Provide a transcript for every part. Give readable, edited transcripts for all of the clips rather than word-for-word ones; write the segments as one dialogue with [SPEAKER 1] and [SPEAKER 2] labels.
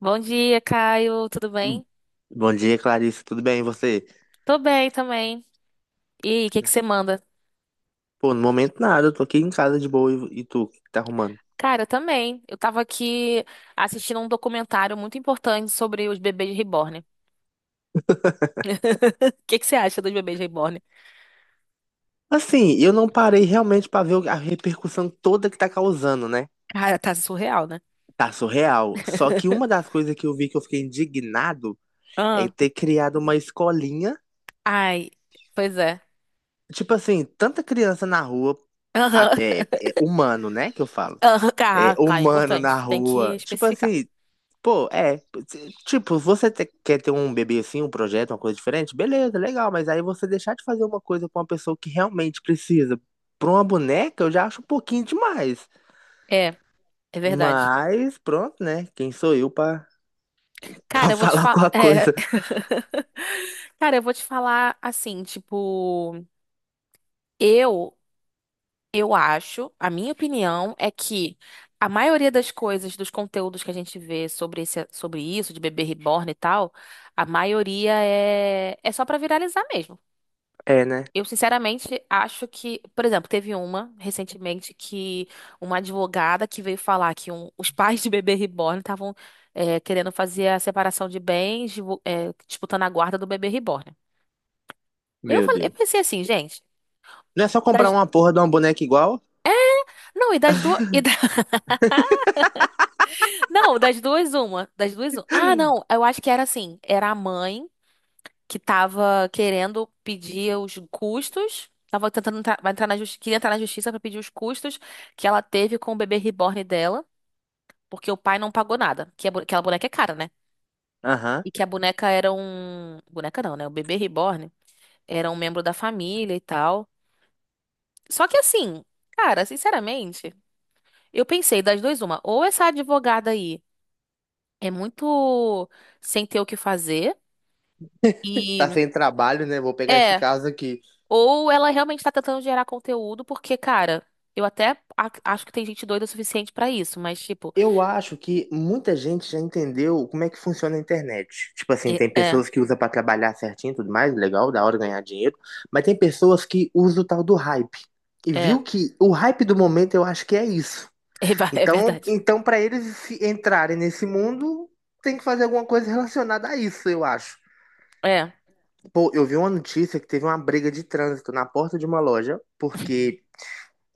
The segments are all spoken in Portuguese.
[SPEAKER 1] Bom dia, Caio. Tudo bem?
[SPEAKER 2] Bom dia, Clarice. Tudo bem, e você?
[SPEAKER 1] Tô bem também. E aí, o que que você manda?
[SPEAKER 2] Pô, no momento nada, eu tô aqui em casa de boa e tu, o que que tá arrumando?
[SPEAKER 1] Cara, eu também. Eu tava aqui assistindo um documentário muito importante sobre os bebês reborn. O que que você acha dos bebês reborn?
[SPEAKER 2] Assim, eu não parei realmente pra ver a repercussão toda que tá causando, né?
[SPEAKER 1] Cara, tá surreal, né?
[SPEAKER 2] Tá surreal. Só que uma das coisas que eu vi que eu fiquei indignado é
[SPEAKER 1] Ah,
[SPEAKER 2] ter criado uma escolinha.
[SPEAKER 1] ai, pois é.
[SPEAKER 2] Tipo assim, tanta criança na rua,
[SPEAKER 1] Aham.
[SPEAKER 2] é, é humano, né? Que eu falo.
[SPEAKER 1] Aham,
[SPEAKER 2] É
[SPEAKER 1] cara, é
[SPEAKER 2] humano na
[SPEAKER 1] importante. Tem que
[SPEAKER 2] rua. Tipo
[SPEAKER 1] especificar.
[SPEAKER 2] assim, pô, é. Tipo, quer ter um bebê assim, um projeto, uma coisa diferente? Beleza, legal, mas aí você deixar de fazer uma coisa pra uma pessoa que realmente precisa. Pra uma boneca, eu já acho um pouquinho demais.
[SPEAKER 1] É, é verdade.
[SPEAKER 2] Mas, pronto, né? Quem sou eu pra, pra
[SPEAKER 1] Cara, eu vou te
[SPEAKER 2] falar
[SPEAKER 1] falar.
[SPEAKER 2] alguma coisa?
[SPEAKER 1] Cara, eu vou te falar assim, tipo. Eu Eu acho, a minha opinião é que a maioria das coisas, dos conteúdos que a gente vê sobre isso, de bebê reborn e tal, a maioria é só pra viralizar mesmo.
[SPEAKER 2] É, né?
[SPEAKER 1] Eu, sinceramente, acho que, por exemplo, teve uma recentemente que uma advogada que veio falar que os pais de bebê reborn estavam, querendo fazer a separação de bens, disputando a guarda do bebê reborn. Eu,
[SPEAKER 2] Meu
[SPEAKER 1] falei- eu
[SPEAKER 2] Deus.
[SPEAKER 1] pensei assim, gente,
[SPEAKER 2] Não é só comprar
[SPEAKER 1] das-
[SPEAKER 2] uma porra de uma boneca igual?
[SPEAKER 1] não, e das duas. Não, das duas, uma. Das duas, uma. Ah, não, eu acho que era assim. Era a mãe que tava querendo pedir os custos. Tava tentando entrar, vai entrar na justiça, queria entrar na justiça pra pedir os custos que ela teve com o bebê reborn dela, porque o pai não pagou nada. Que aquela boneca é cara, né?
[SPEAKER 2] Aham.
[SPEAKER 1] E que a boneca era um. Boneca não, né? O bebê reborn era um membro da família e tal. Só que assim, cara, sinceramente, eu pensei das duas, uma. Ou essa advogada aí é muito sem ter o que fazer.
[SPEAKER 2] Tá sem trabalho, né? Vou pegar esse
[SPEAKER 1] É,
[SPEAKER 2] caso aqui.
[SPEAKER 1] ou ela realmente tá tentando gerar conteúdo, porque, cara, eu até acho que tem gente doida o suficiente pra isso, mas, tipo,
[SPEAKER 2] Eu acho que muita gente já entendeu como é que funciona a internet. Tipo assim,
[SPEAKER 1] é,
[SPEAKER 2] tem
[SPEAKER 1] é,
[SPEAKER 2] pessoas que usam pra trabalhar certinho e tudo mais, legal, da hora ganhar dinheiro, mas tem pessoas que usam o tal do hype. E
[SPEAKER 1] é,
[SPEAKER 2] viu que o hype do momento eu acho que é isso.
[SPEAKER 1] é
[SPEAKER 2] Então,
[SPEAKER 1] verdade.
[SPEAKER 2] então para eles se entrarem nesse mundo, tem que fazer alguma coisa relacionada a isso, eu acho.
[SPEAKER 1] É.
[SPEAKER 2] Pô, eu vi uma notícia que teve uma briga de trânsito na porta de uma loja, porque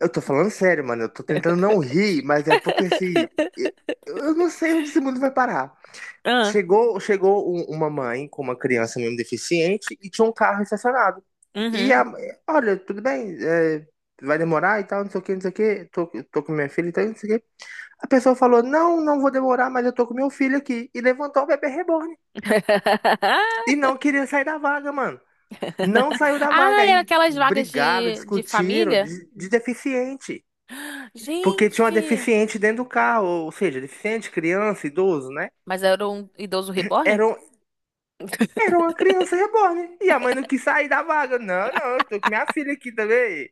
[SPEAKER 2] eu tô falando sério, mano. Eu tô tentando não rir, mas é porque assim. Eu, eu não sei onde esse mundo vai parar.
[SPEAKER 1] Ah,
[SPEAKER 2] Chegou uma mãe com uma criança mesmo deficiente e tinha um carro estacionado. E
[SPEAKER 1] uhum.
[SPEAKER 2] a olha, tudo bem, é, vai demorar e tal, não sei o que, não sei o que. Tô com minha filha e tal, não sei o que. A pessoa falou: não, não vou demorar, mas eu tô com meu filho aqui. E levantou o bebê reborn. E não queria sair da vaga, mano. Não saiu da vaga.
[SPEAKER 1] Ah, era
[SPEAKER 2] Aí
[SPEAKER 1] aquelas vagas
[SPEAKER 2] brigaram,
[SPEAKER 1] de
[SPEAKER 2] discutiram
[SPEAKER 1] família?
[SPEAKER 2] de deficiente. Porque tinha uma
[SPEAKER 1] Gente!
[SPEAKER 2] deficiente dentro do carro, ou seja, deficiente, criança, idoso, né?
[SPEAKER 1] Mas era um idoso reborn?
[SPEAKER 2] Era, era uma criança reborn. E a mãe não quis sair da vaga. Não, não, eu tô com minha filha aqui também.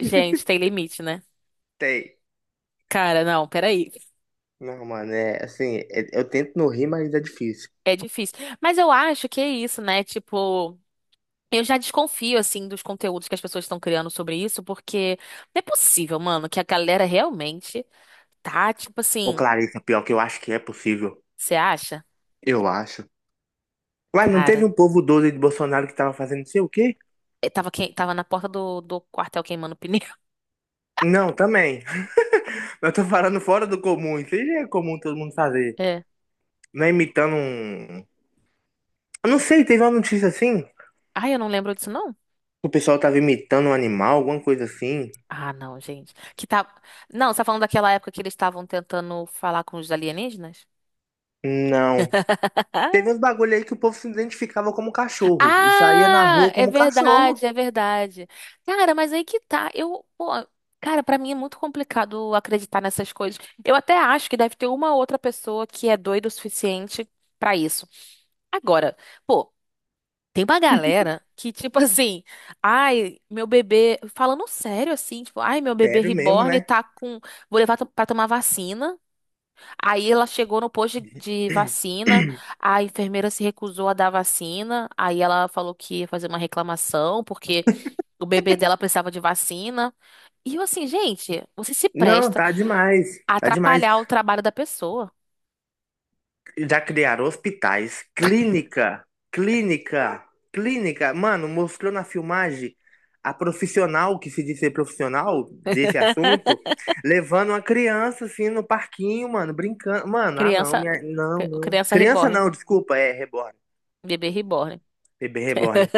[SPEAKER 1] Gente, tem limite, né?
[SPEAKER 2] Tem.
[SPEAKER 1] Cara, não, peraí.
[SPEAKER 2] Não, mano, é assim, eu tento não rir, mas é difícil.
[SPEAKER 1] É difícil. Mas eu acho que é isso, né? Tipo. Eu já desconfio, assim, dos conteúdos que as pessoas estão criando sobre isso, porque não é possível, mano, que a galera realmente tá, tipo
[SPEAKER 2] Ô,
[SPEAKER 1] assim,
[SPEAKER 2] Clarissa, pior que eu acho que é possível.
[SPEAKER 1] você acha?
[SPEAKER 2] Eu acho. Ué, não
[SPEAKER 1] Cara,
[SPEAKER 2] teve um povo doido de Bolsonaro que tava fazendo não sei o quê?
[SPEAKER 1] tava na porta do quartel queimando pneu.
[SPEAKER 2] Não, também. Eu tô falando fora do comum. Isso aí já é comum todo mundo fazer.
[SPEAKER 1] É.
[SPEAKER 2] Não é imitando um. Eu não sei, teve uma notícia assim.
[SPEAKER 1] Ai, eu não lembro disso, não?
[SPEAKER 2] O pessoal tava imitando um animal, alguma coisa assim?
[SPEAKER 1] Ah, não, gente. Que tá... Não, você tá falando daquela época que eles estavam tentando falar com os alienígenas?
[SPEAKER 2] Não. Teve uns bagulho aí que o povo se identificava como cachorro e saía na
[SPEAKER 1] Ah,
[SPEAKER 2] rua
[SPEAKER 1] é
[SPEAKER 2] como
[SPEAKER 1] verdade,
[SPEAKER 2] cachorro.
[SPEAKER 1] é verdade. Cara, mas aí que tá. Eu, pô, cara, pra mim é muito complicado acreditar nessas coisas. Eu até acho que deve ter uma outra pessoa que é doida o suficiente pra isso. Agora, pô, tem uma galera que, tipo assim, ai, meu bebê, falando sério assim, tipo, ai, meu bebê
[SPEAKER 2] Sério mesmo,
[SPEAKER 1] reborn
[SPEAKER 2] né?
[SPEAKER 1] tá com, vou levar pra tomar vacina. Aí ela chegou no posto de vacina, a enfermeira se recusou a dar vacina, aí ela falou que ia fazer uma reclamação porque o bebê dela precisava de vacina. E eu assim, gente, você se
[SPEAKER 2] Não,
[SPEAKER 1] presta
[SPEAKER 2] tá demais.
[SPEAKER 1] a
[SPEAKER 2] Tá demais.
[SPEAKER 1] atrapalhar o trabalho da pessoa.
[SPEAKER 2] Já criaram hospitais, clínica. Mano, mostrou na filmagem a profissional que se diz ser profissional desse assunto, levando uma criança assim no parquinho, mano, brincando. Mano, ah não,
[SPEAKER 1] Criança,
[SPEAKER 2] minha... não,
[SPEAKER 1] cri-
[SPEAKER 2] não.
[SPEAKER 1] criança
[SPEAKER 2] Criança
[SPEAKER 1] reborn,
[SPEAKER 2] não, desculpa, é reborn.
[SPEAKER 1] bebê reborn.
[SPEAKER 2] Bebê reborn.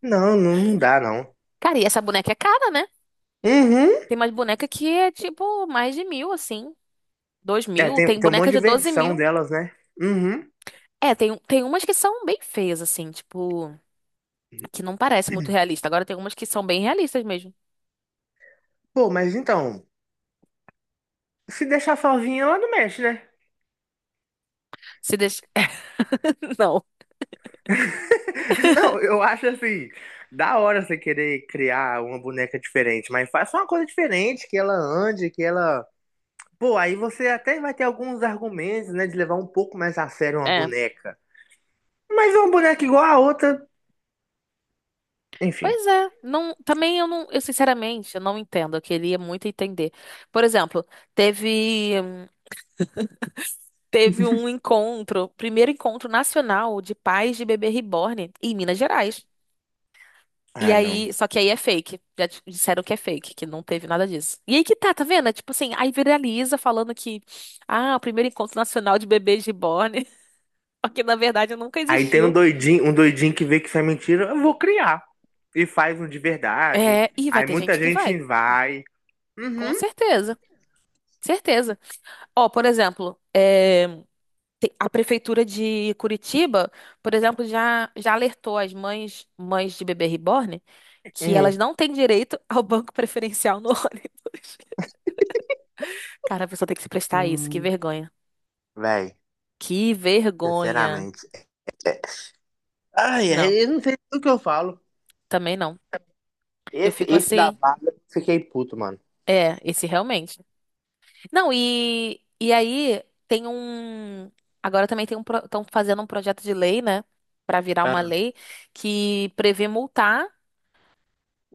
[SPEAKER 2] Não, não, não dá, não.
[SPEAKER 1] Cara, e essa boneca é cara, né?
[SPEAKER 2] Uhum.
[SPEAKER 1] Tem mais boneca que é tipo mais de 1.000, assim, dois
[SPEAKER 2] É,
[SPEAKER 1] mil.
[SPEAKER 2] tem,
[SPEAKER 1] Tem
[SPEAKER 2] tem um
[SPEAKER 1] boneca
[SPEAKER 2] monte de
[SPEAKER 1] de doze
[SPEAKER 2] versão
[SPEAKER 1] mil.
[SPEAKER 2] delas, né? Uhum.
[SPEAKER 1] É, tem umas que são bem feias, assim, tipo, que não parece muito realista. Agora tem algumas que são bem realistas mesmo.
[SPEAKER 2] Pô, mas então, se deixar sozinha, ela não mexe, né?
[SPEAKER 1] Se deixa... Não.
[SPEAKER 2] Não, eu acho assim, da hora você querer criar uma boneca diferente, mas faça uma coisa diferente, que ela ande, que ela. Pô, aí você até vai ter alguns argumentos, né, de levar um pouco mais a sério uma
[SPEAKER 1] É.
[SPEAKER 2] boneca. Mas uma boneca igual a outra, enfim.
[SPEAKER 1] Pois é, não, também eu não, eu sinceramente, eu não entendo, eu queria muito entender. Por exemplo, teve teve um encontro, primeiro encontro nacional de pais de bebê reborn em Minas Gerais. E
[SPEAKER 2] Ah, não.
[SPEAKER 1] aí, só que aí é fake. Já disseram que é fake, que não teve nada disso. E aí que tá, tá vendo? É tipo assim, aí viraliza falando que, ah, o primeiro encontro nacional de bebês reborn, porque na verdade nunca
[SPEAKER 2] Aí tem um
[SPEAKER 1] existiu.
[SPEAKER 2] doidinho, que vê que isso é mentira, eu vou criar. E faz um de verdade.
[SPEAKER 1] É, e vai
[SPEAKER 2] Aí
[SPEAKER 1] ter
[SPEAKER 2] muita
[SPEAKER 1] gente que
[SPEAKER 2] gente
[SPEAKER 1] vai,
[SPEAKER 2] vai.
[SPEAKER 1] com
[SPEAKER 2] Uhum.
[SPEAKER 1] certeza, certeza. Ó, por exemplo, a prefeitura de Curitiba, por exemplo, já alertou as mães de bebê reborn que elas
[SPEAKER 2] Uhum.
[SPEAKER 1] não têm direito ao banco preferencial no ônibus. Cara, a pessoa tem que se prestar a isso, que
[SPEAKER 2] Hum,
[SPEAKER 1] vergonha.
[SPEAKER 2] véi,
[SPEAKER 1] Que vergonha.
[SPEAKER 2] sinceramente. é- Ai,
[SPEAKER 1] Não,
[SPEAKER 2] ai, eu não sei do que eu falo.
[SPEAKER 1] também não. Eu fico
[SPEAKER 2] Esse da
[SPEAKER 1] assim,
[SPEAKER 2] vaga, eu fiquei puto, mano.
[SPEAKER 1] esse realmente. Não, e aí tem um. Agora também tem um. Estão fazendo um projeto de lei, né? Pra virar uma
[SPEAKER 2] Ah.
[SPEAKER 1] lei que prevê multar,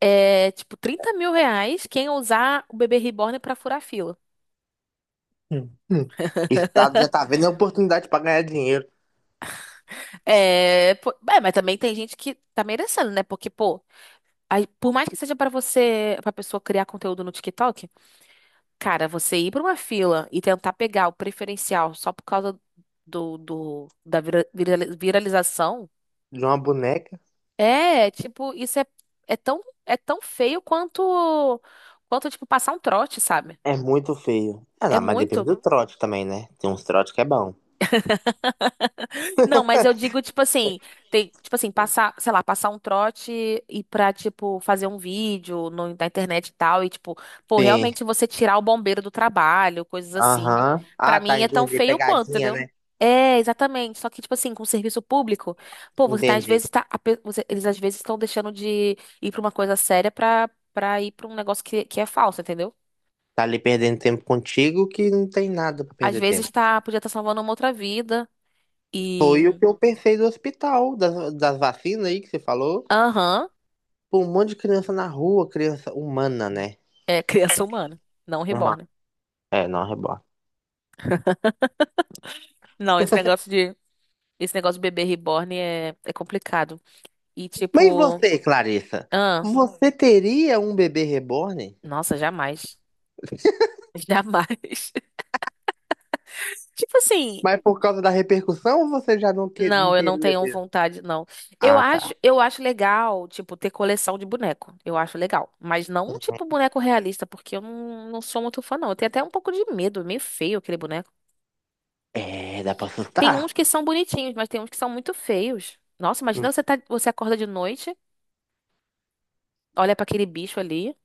[SPEAKER 1] tipo, R$ 30.000 quem usar o bebê reborn pra furar fila.
[SPEAKER 2] Hum, hum. O Estado já tá vendo a oportunidade pra ganhar dinheiro
[SPEAKER 1] É, pô, é, mas também tem gente que tá merecendo, né? Porque, pô, aí, por mais que seja pra você, pra pessoa criar conteúdo no TikTok, cara, você ir pra uma fila e tentar pegar o preferencial só por causa da viralização.
[SPEAKER 2] de uma boneca.
[SPEAKER 1] É, tipo, isso é tão feio quanto, tipo, passar um trote, sabe?
[SPEAKER 2] É muito feio. Ah,
[SPEAKER 1] É
[SPEAKER 2] não, mas depende
[SPEAKER 1] muito.
[SPEAKER 2] do trote também, né? Tem uns trotes que é bom.
[SPEAKER 1] Não, mas eu digo, tipo assim, tem, tipo assim, passar, sei lá, passar um trote e pra, tipo, fazer um vídeo no, na internet e tal, e, tipo, pô,
[SPEAKER 2] Sim.
[SPEAKER 1] realmente você tirar o bombeiro do trabalho, coisas assim.
[SPEAKER 2] Aham.
[SPEAKER 1] Pra
[SPEAKER 2] Ah, tá,
[SPEAKER 1] mim é tão
[SPEAKER 2] entendi.
[SPEAKER 1] feio quanto,
[SPEAKER 2] Pegadinha,
[SPEAKER 1] entendeu?
[SPEAKER 2] né?
[SPEAKER 1] É, exatamente. Só que, tipo assim, com o serviço público, pô, você tá, às
[SPEAKER 2] Entendi.
[SPEAKER 1] vezes, tá, eles às vezes estão deixando de ir pra uma coisa séria pra, ir pra um negócio que é falso, entendeu?
[SPEAKER 2] Tá ali perdendo tempo contigo que não tem nada pra
[SPEAKER 1] Às
[SPEAKER 2] perder tempo.
[SPEAKER 1] vezes tá, podia estar salvando uma outra vida
[SPEAKER 2] Foi o
[SPEAKER 1] e,
[SPEAKER 2] que eu pensei do hospital, das vacinas aí que você falou.
[SPEAKER 1] aham,
[SPEAKER 2] Pô, um monte de criança na rua, criança humana, né?
[SPEAKER 1] é criança humana, não
[SPEAKER 2] Uma...
[SPEAKER 1] reborn.
[SPEAKER 2] É, não, reborn.
[SPEAKER 1] Não, esse negócio de bebê reborn é complicado. E
[SPEAKER 2] Mas e
[SPEAKER 1] tipo,
[SPEAKER 2] você, Clarissa?
[SPEAKER 1] ah,
[SPEAKER 2] Você teria um bebê reborn?
[SPEAKER 1] nossa, jamais. Jamais. Tipo assim,
[SPEAKER 2] Mas por causa da repercussão, ou você já não, não
[SPEAKER 1] não, eu não
[SPEAKER 2] teria
[SPEAKER 1] tenho
[SPEAKER 2] mesmo?
[SPEAKER 1] vontade, não. Eu
[SPEAKER 2] Ah,
[SPEAKER 1] acho,
[SPEAKER 2] tá.
[SPEAKER 1] eu acho legal, tipo, ter coleção de boneco. Eu acho legal, mas não tipo boneco realista, porque eu não sou muito fã, não. Eu tenho até um pouco de medo, é meio feio aquele boneco.
[SPEAKER 2] É, dá pra
[SPEAKER 1] Tem
[SPEAKER 2] assustar.
[SPEAKER 1] uns que são bonitinhos, mas tem uns que são muito feios. Nossa, imagina você acorda de noite, olha pra aquele bicho ali.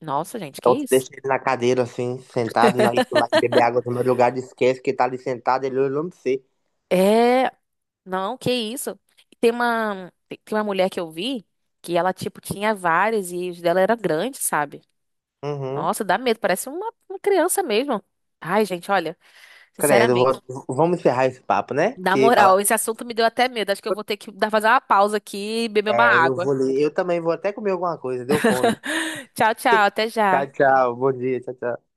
[SPEAKER 1] Nossa, gente, que
[SPEAKER 2] Então você
[SPEAKER 1] isso?
[SPEAKER 2] deixa ele na cadeira, assim, sentado, na isso lá, beber água do meu lugar, esquece que ele tá ali sentado, ele olhando pra você.
[SPEAKER 1] É, Não, que isso. Tem uma mulher que eu vi que ela, tipo, tinha várias e os dela era grande, sabe?
[SPEAKER 2] Uhum.
[SPEAKER 1] Nossa, dá medo, parece uma criança mesmo. Ai, gente, olha,
[SPEAKER 2] Credo,
[SPEAKER 1] sinceramente,
[SPEAKER 2] vamos encerrar esse papo, né?
[SPEAKER 1] na
[SPEAKER 2] Porque falar.
[SPEAKER 1] moral, esse assunto me deu até medo. Acho que eu vou ter que dar fazer uma pausa aqui e beber uma
[SPEAKER 2] É, eu
[SPEAKER 1] água.
[SPEAKER 2] vou ler. Eu também vou até comer alguma coisa, deu fome.
[SPEAKER 1] Tchau, tchau, até
[SPEAKER 2] Tchau,
[SPEAKER 1] já.
[SPEAKER 2] tchau. Bom dia, tchau, tchau.